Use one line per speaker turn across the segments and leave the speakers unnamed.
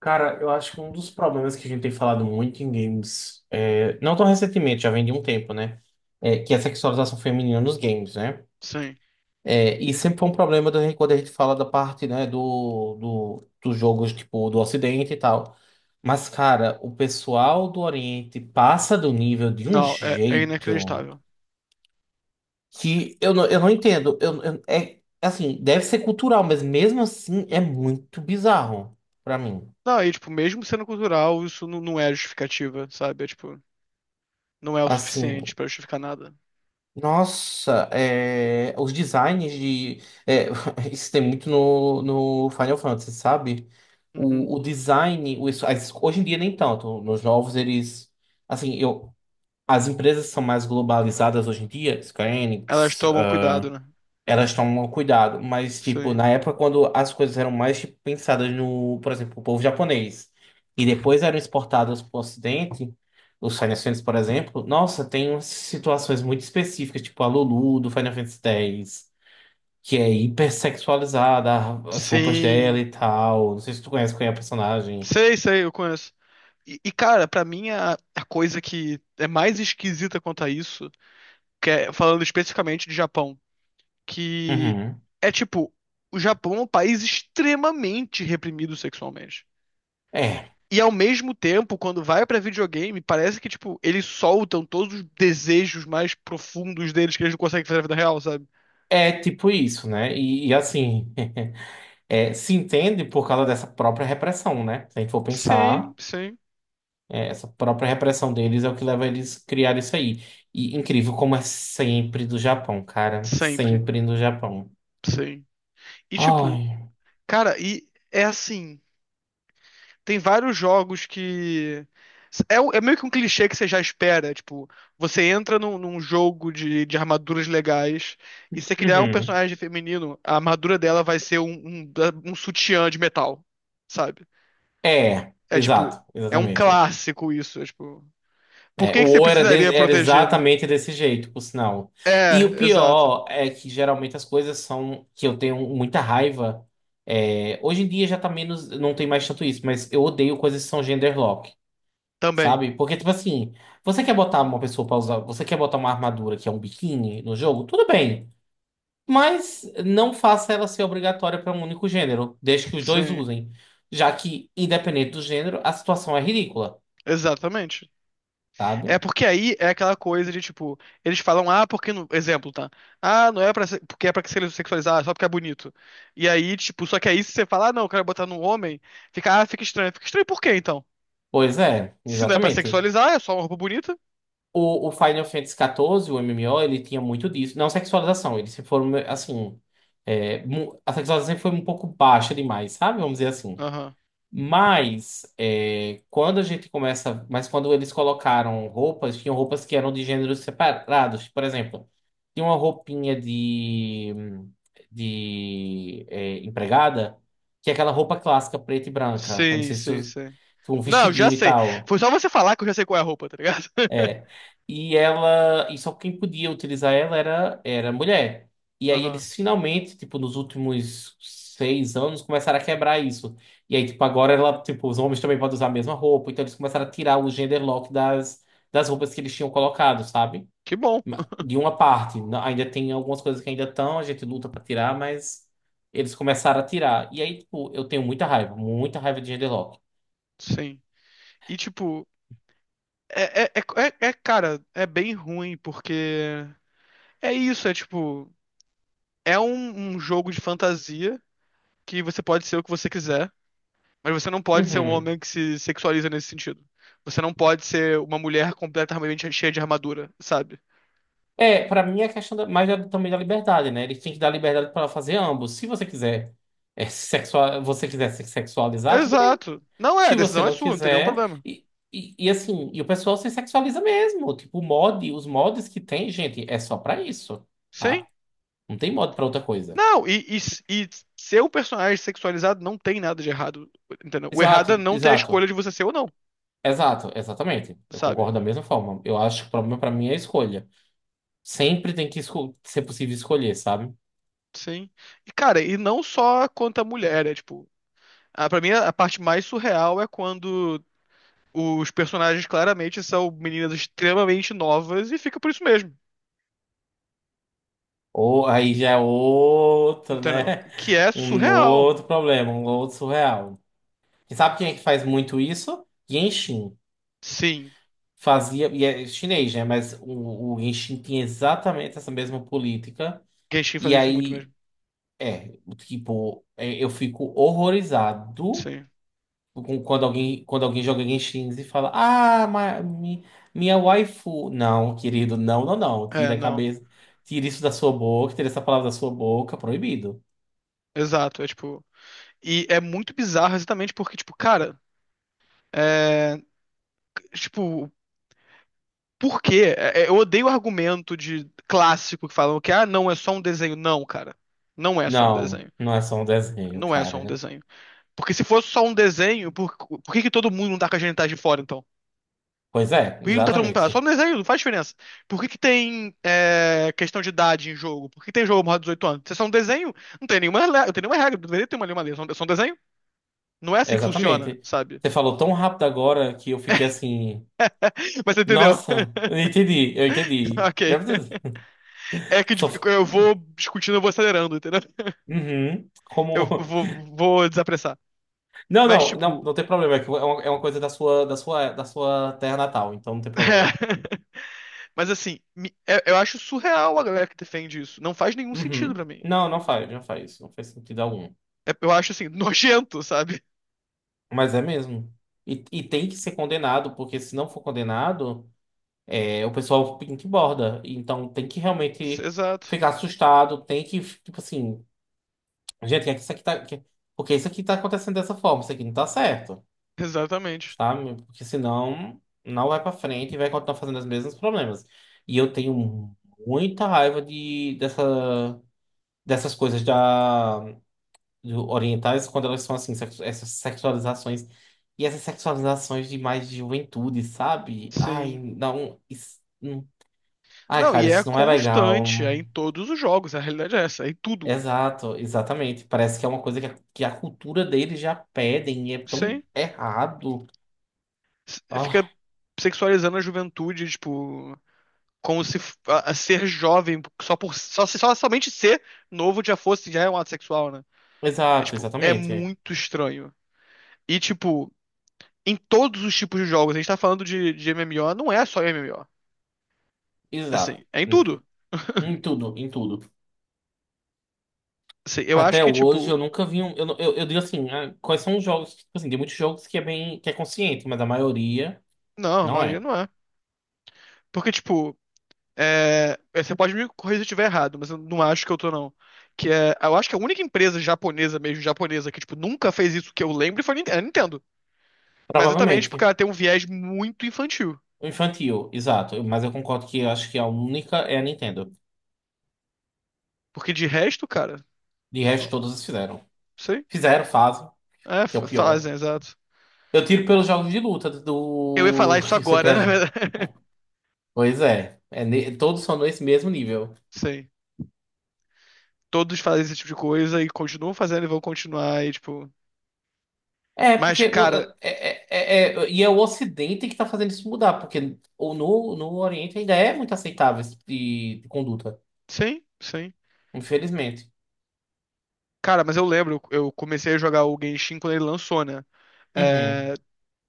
Cara, eu acho que um dos problemas que a gente tem falado muito em games, não tão recentemente, já vem de um tempo, né? Que é a sexualização feminina nos games, né?
Sim.
E sempre foi um problema quando a gente fala da parte, né, dos jogos, tipo, do Ocidente e tal. Mas, cara, o pessoal do Oriente passa do nível de um
Não, é
jeito
inacreditável.
que eu não entendo. É assim, deve ser cultural, mas mesmo assim é muito bizarro pra mim.
Não, e tipo, mesmo sendo cultural, isso não é justificativa, sabe? Não é o
Assim.
suficiente pra justificar nada.
Nossa, os designs de. é, isso tem muito no Final Fantasy, sabe?
Uhum.
O design, hoje em dia nem tanto. Nos novos eles. Assim, as empresas são mais globalizadas hoje em dia, Square
Elas
Enix,
tomam cuidado, né?
elas tomam cuidado, mas, tipo,
Sim.
na época quando as coisas eram mais, tipo, pensadas no, por exemplo, o povo japonês, e depois eram exportadas para o Ocidente, os Final Fantasy, por exemplo, nossa, tem umas situações muito específicas, tipo a Lulu do Final Fantasy X, que é hipersexualizada, as roupas dela
Sim.
e tal. Não sei se tu conhece qual é a personagem.
Sei, sei, eu conheço. Cara, pra mim a coisa que é mais esquisita quanto a isso, que é falando especificamente de Japão, que
Uhum.
é tipo, o Japão é um país extremamente reprimido sexualmente.
É.
E ao mesmo tempo, quando vai pra videogame, parece que, tipo, eles soltam todos os desejos mais profundos deles que eles não conseguem fazer na vida real, sabe?
É tipo isso, né? E assim, se entende por causa dessa própria repressão, né? Se a gente for
Sim,
pensar.
sim.
Essa própria repressão deles é o que leva eles a criar isso aí. E incrível como é sempre do Japão, cara.
Sempre,
Sempre no Japão.
sim. E, tipo,
Ai.
cara, e é assim. Tem vários jogos que. É, é meio que um clichê que você já espera. Tipo, você entra num jogo de armaduras legais e se você criar um
Uhum.
personagem feminino, a armadura dela vai ser um sutiã de metal, sabe?
É,
É tipo,
exato,
é um
exatamente.
clássico isso. É, tipo, por
É, o
que que você
O era,
precisaria
era
proteger, né?
exatamente desse jeito, por sinal. E
É,
o
exato.
pior é que geralmente as coisas são que eu tenho muita raiva. É, hoje em dia já tá menos, não tem mais tanto isso, mas eu odeio coisas que são genderlock.
Também.
Sabe? Porque, tipo assim, você quer botar uma pessoa pra usar, você quer botar uma armadura que é um biquíni no jogo? Tudo bem. Mas não faça ela ser obrigatória para um único gênero, desde que os dois
Sim.
usem. Já que, independente do gênero, a situação é ridícula,
Exatamente.
sabe?
É porque aí é aquela coisa de tipo, eles falam, ah, porque não... exemplo, tá? Ah, não é pra ser... porque é pra que se sexualizar, só porque é bonito. E aí, tipo, só que aí se você falar, ah, não, eu quero botar num homem, fica, ah, fica estranho. Fica estranho por quê, então?
Pois é,
Se não é pra
exatamente.
sexualizar, é só uma roupa bonita?
O Final Fantasy XIV, o MMO, ele tinha muito disso. Não sexualização, eles se foram, assim. É, a sexualização sempre foi um pouco baixa demais, sabe? Vamos dizer assim.
Aham.
Mas quando a gente começa, mas quando eles colocaram roupas, tinham roupas que eram de gêneros separados. Por exemplo, tinha uma roupinha de empregada, que é aquela roupa clássica preta e branca. Eu não
Sim,
sei se
sim, sim.
tu, um
Não, já
vestidinho e
sei.
tal.
Foi só você falar que eu já sei qual é a roupa, tá ligado?
É. E ela, e só quem podia utilizar ela era mulher. E aí
Aham.
eles finalmente, tipo, nos últimos 6 anos começaram a quebrar isso. E aí, tipo, agora ela, tipo, os homens também podem usar a mesma roupa, então eles começaram a tirar o gender lock das roupas que eles tinham colocado, sabe?
Que bom,
De uma parte, ainda tem algumas coisas que ainda estão, a gente luta pra tirar, mas eles começaram a tirar. E aí, tipo, eu tenho muita raiva de gender lock.
sim. E tipo, cara, é bem ruim, porque é isso, é tipo, é um jogo de fantasia que você pode ser o que você quiser, mas você não pode ser um
Uhum.
homem que se sexualiza nesse sentido. Você não pode ser uma mulher completamente cheia de armadura, sabe?
É, pra mim é questão da, mais também da liberdade, né? Eles têm que dar liberdade pra fazer ambos. Se você quiser sexual, você quiser se sexualizar, tudo bem.
Exato. Não é, a
Se você
decisão é
não
sua, não tem nenhum
quiser,
problema.
e assim, e o pessoal se sexualiza mesmo. Tipo, o mod, os mods que tem, gente, é só pra isso,
Sim?
tá? Não tem mod pra outra coisa.
Não, e ser um personagem sexualizado não tem nada de errado, entendeu? O errado é
Exato,
não ter a escolha
exato,
de você ser ou não,
exato, exatamente. Eu
sabe?
concordo da mesma forma. Eu acho que o problema pra mim é a escolha. Sempre tem que ser possível escolher, sabe?
Sim. E, cara, e não só quanto a mulher, é tipo. A, pra mim, a parte mais surreal é quando os personagens claramente são meninas extremamente novas e fica por isso mesmo.
Ou aí já é outro,
Entendeu?
né?
Que é
Um
surreal.
outro problema, um outro surreal. E sabe quem é que faz muito isso? Genshin.
Sim.
Fazia, e é chinês, né? Mas o Genshin tinha exatamente essa mesma política.
Genshin
E
faz isso muito
aí,
mesmo.
é, tipo, eu fico horrorizado
Sim.
quando alguém joga Genshin e fala: Ah, minha waifu. Não, querido, não, não, não.
É,
Tira a
não.
cabeça, tira isso da sua boca, tira essa palavra da sua boca, proibido.
Exato. É tipo. E é muito bizarro exatamente porque, tipo, cara. É. Tipo. Por quê? Eu odeio o argumento de clássico que falam que, ah, não, é só um desenho. Não, cara. Não é só um
Não,
desenho.
não é só um desenho,
Não é só um
cara.
desenho. Porque se fosse só um desenho, por que que todo mundo não tá com a genitais de fora, então?
Pois é,
Por que não tá todo mundo
exatamente.
pelado? Só no desenho, não faz diferença. Por que que tem é, questão de idade em jogo? Por que tem jogo maior de 18 anos? Se é só um desenho, não tem nenhuma, não tem nenhuma regra, não deveria ter uma nenhuma lei, é só um desenho. Não é assim que funciona,
Exatamente.
sabe?
Você falou tão rápido agora que eu fiquei assim.
Mas você entendeu?
Nossa, eu entendi, eu entendi.
Ok.
Deve
É que tipo,
Só...
eu vou discutindo, eu vou acelerando, entendeu?
Uhum,
Eu
Como.
vou, vou desapressar.
Não,
Mas,
não, não,
tipo.
não tem problema. É que é uma coisa da sua, terra natal, então não tem problema.
é. Mas assim, eu acho surreal a galera que defende isso. Não faz nenhum sentido
Uhum.
pra mim.
Não, não faz, não faz. Não faz sentido algum.
Eu acho assim, nojento, sabe?
Mas é mesmo. E tem que ser condenado, porque se não for condenado. É, o pessoal borda Então tem que realmente
Exato,
ficar assustado, tem que, tipo assim, gente, é que isso aqui tá. Porque isso aqui tá acontecendo dessa forma, isso aqui não tá certo,
exatamente.
sabe? Porque senão não vai pra frente e vai continuar fazendo os mesmos problemas. E eu tenho muita raiva dessas coisas do orientais quando elas são assim, essas sexualizações. E essas sexualizações de mais de juventude, sabe? Ai,
Sim.
não. Isso, Ai,
Não,
cara,
e é
isso não é legal.
constante, é em todos os jogos, a realidade é essa, é em tudo.
Exato, exatamente. Parece que é uma coisa que a cultura deles já pedem e é tão
Sim.
errado.
Fica
Ah,
sexualizando a juventude, tipo, como se a ser jovem só somente ser novo já é um ato sexual, né? É
exato,
tipo, é
exatamente.
muito estranho. E tipo, em todos os tipos de jogos, a gente tá falando de MMO, não é só MMO. Assim,
Exato.
é em
Hum.
tudo.
Em tudo, em tudo.
Assim, eu acho
Até
que
hoje
tipo,
eu nunca vi um. Eu, não- eu digo assim, ah, quais são os jogos? Que, Tipo assim, tem muitos jogos que é bem, que é consciente, mas a maioria
não, a
não
maioria
é.
não é. Porque, tipo, você pode me corrigir se eu estiver errado, mas eu não acho que eu tô, não. Que é, eu acho que a única empresa japonesa mesmo, japonesa, que, tipo, nunca fez isso que eu lembro foi a Nintendo. Mas exatamente porque
Provavelmente.
ela tem um viés muito infantil.
O infantil, exato. Mas eu concordo que eu acho que a única é a Nintendo.
Porque de resto, cara,
De resto,
não
todas fizeram.
sei.
Fizeram, fazem,
É,
que é o pior.
fazem, exato.
Eu tiro pelos jogos de luta
Eu ia falar
do.
isso
Eu sou
agora, na
criado.
verdade.
Pois é. Todos são nesse mesmo nível.
Sim. Todos fazem esse tipo de coisa e continuam fazendo e vão continuar e, tipo...
É,
Mas,
porque.
cara,
E é o Ocidente que tá fazendo isso mudar, porque no Oriente ainda é muito aceitável esse tipo de conduta.
sim, sim.
Infelizmente.
Cara, mas eu lembro, eu comecei a jogar o Genshin quando ele lançou, né?
Uhum.
É,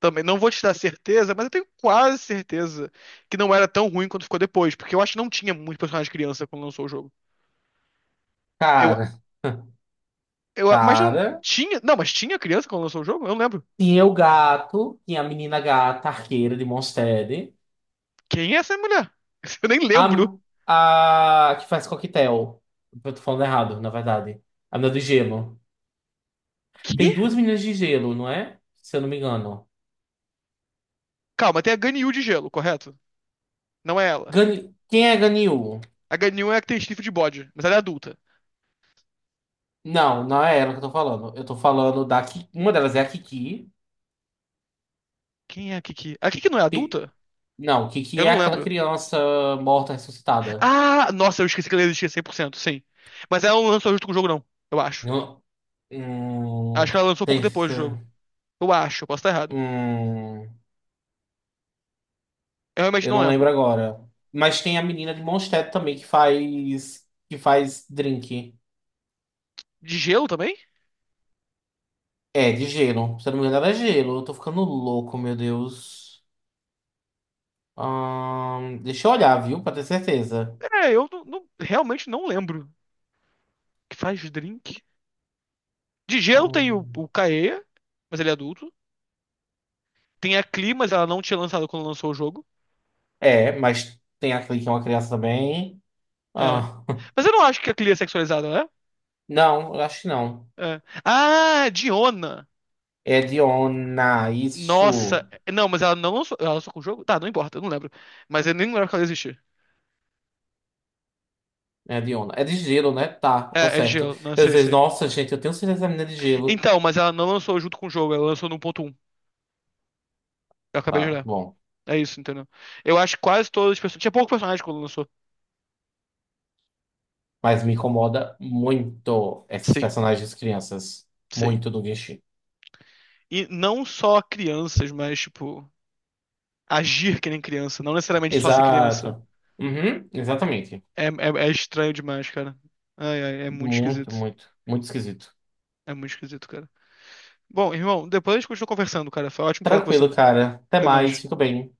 também não vou te dar certeza, mas eu tenho quase certeza que não era tão ruim quanto ficou depois, porque eu acho que não tinha muito personagem criança quando lançou o jogo. Eu,
Cara.
mas não
Cara.
tinha, não, mas tinha criança quando lançou o jogo? Eu não lembro.
Tinha o gato, tinha a menina gata, arqueira de Monstead.
Quem é essa mulher? Eu nem lembro.
A que faz coquetel. Eu tô falando errado, na verdade. A menina do gelo. Tem
Que?
duas meninas de gelo, não é? Se eu não me engano.
Calma, tem a Ganyu de gelo, correto? Não é ela.
Gani... Quem é Ganyu?
A Ganyu é a que tem chifre de bode, mas ela é adulta.
Não, não é ela que eu tô falando. Eu tô falando da Ki... Uma delas é a Kiki.
Quem é a Kiki? A Kiki não é
Ki-
adulta?
Não, Kiki
Eu
é
não
aquela
lembro.
criança morta ressuscitada.
Ah, nossa, eu esqueci que ela existia 100% sim. Mas ela não lançou junto com o jogo, não, eu acho.
Eu- Hum...
Acho que ela lançou pouco
tem-
depois do jogo. Eu acho, eu posso estar errado.
hum,
Eu realmente
Eu
não
não lembro
lembro.
agora. Mas tem a menina de Mondstadt também que faz. Que faz drink.
De gelo também?
É, de gelo. Se eu não me engano, ela é gelo. Eu tô ficando louco, meu Deus. Deixa eu olhar, viu? Pra ter certeza.
É, eu não- não- realmente não lembro. Que faz drink? De gelo tem o
Ah,
Kaeya, mas ele é adulto. Tem a Clee, mas ela não tinha lançado quando lançou o jogo.
É, mas tem aquele que é uma criança também.
É.
Ah,
Mas eu não acho que a Clee é sexualizada, né?
Não, eu acho que não.
É. Ah, Diona!
É Diona,
Nossa!
isso.
Não, mas ela não lançou. Ela lançou com o jogo? Tá, não importa, eu não lembro. Mas eu nem lembro que ela existia.
É Diona. É de gelo, né? Tá, tô
É, é de
certo.
gelo, não
Eu
sei,
disse,
sei.
nossa, gente, eu tenho certeza que a menina é de gelo.
Então, mas ela não lançou junto com o jogo, ela lançou no 1.1. Eu acabei de
Tá,
olhar.
bom.
É isso, entendeu? Eu acho que quase todas as pessoas. Tinha pouco personagem quando lançou.
Mas me incomoda muito esses
Sim.
personagens crianças.
Sim.
Muito do Genshin.
E não só crianças, mas, tipo, agir que nem criança. Não necessariamente só ser criança.
Exato. Uhum,
É,
exatamente.
é estranho demais, cara. Ai, ai, é muito
Muito,
esquisito.
muito, muito esquisito.
É muito esquisito, cara. Bom, irmão, depois a gente continua conversando, cara. Foi ótimo falar com você.
Tranquilo, cara. Até
Até
mais.
mais.
Fico bem.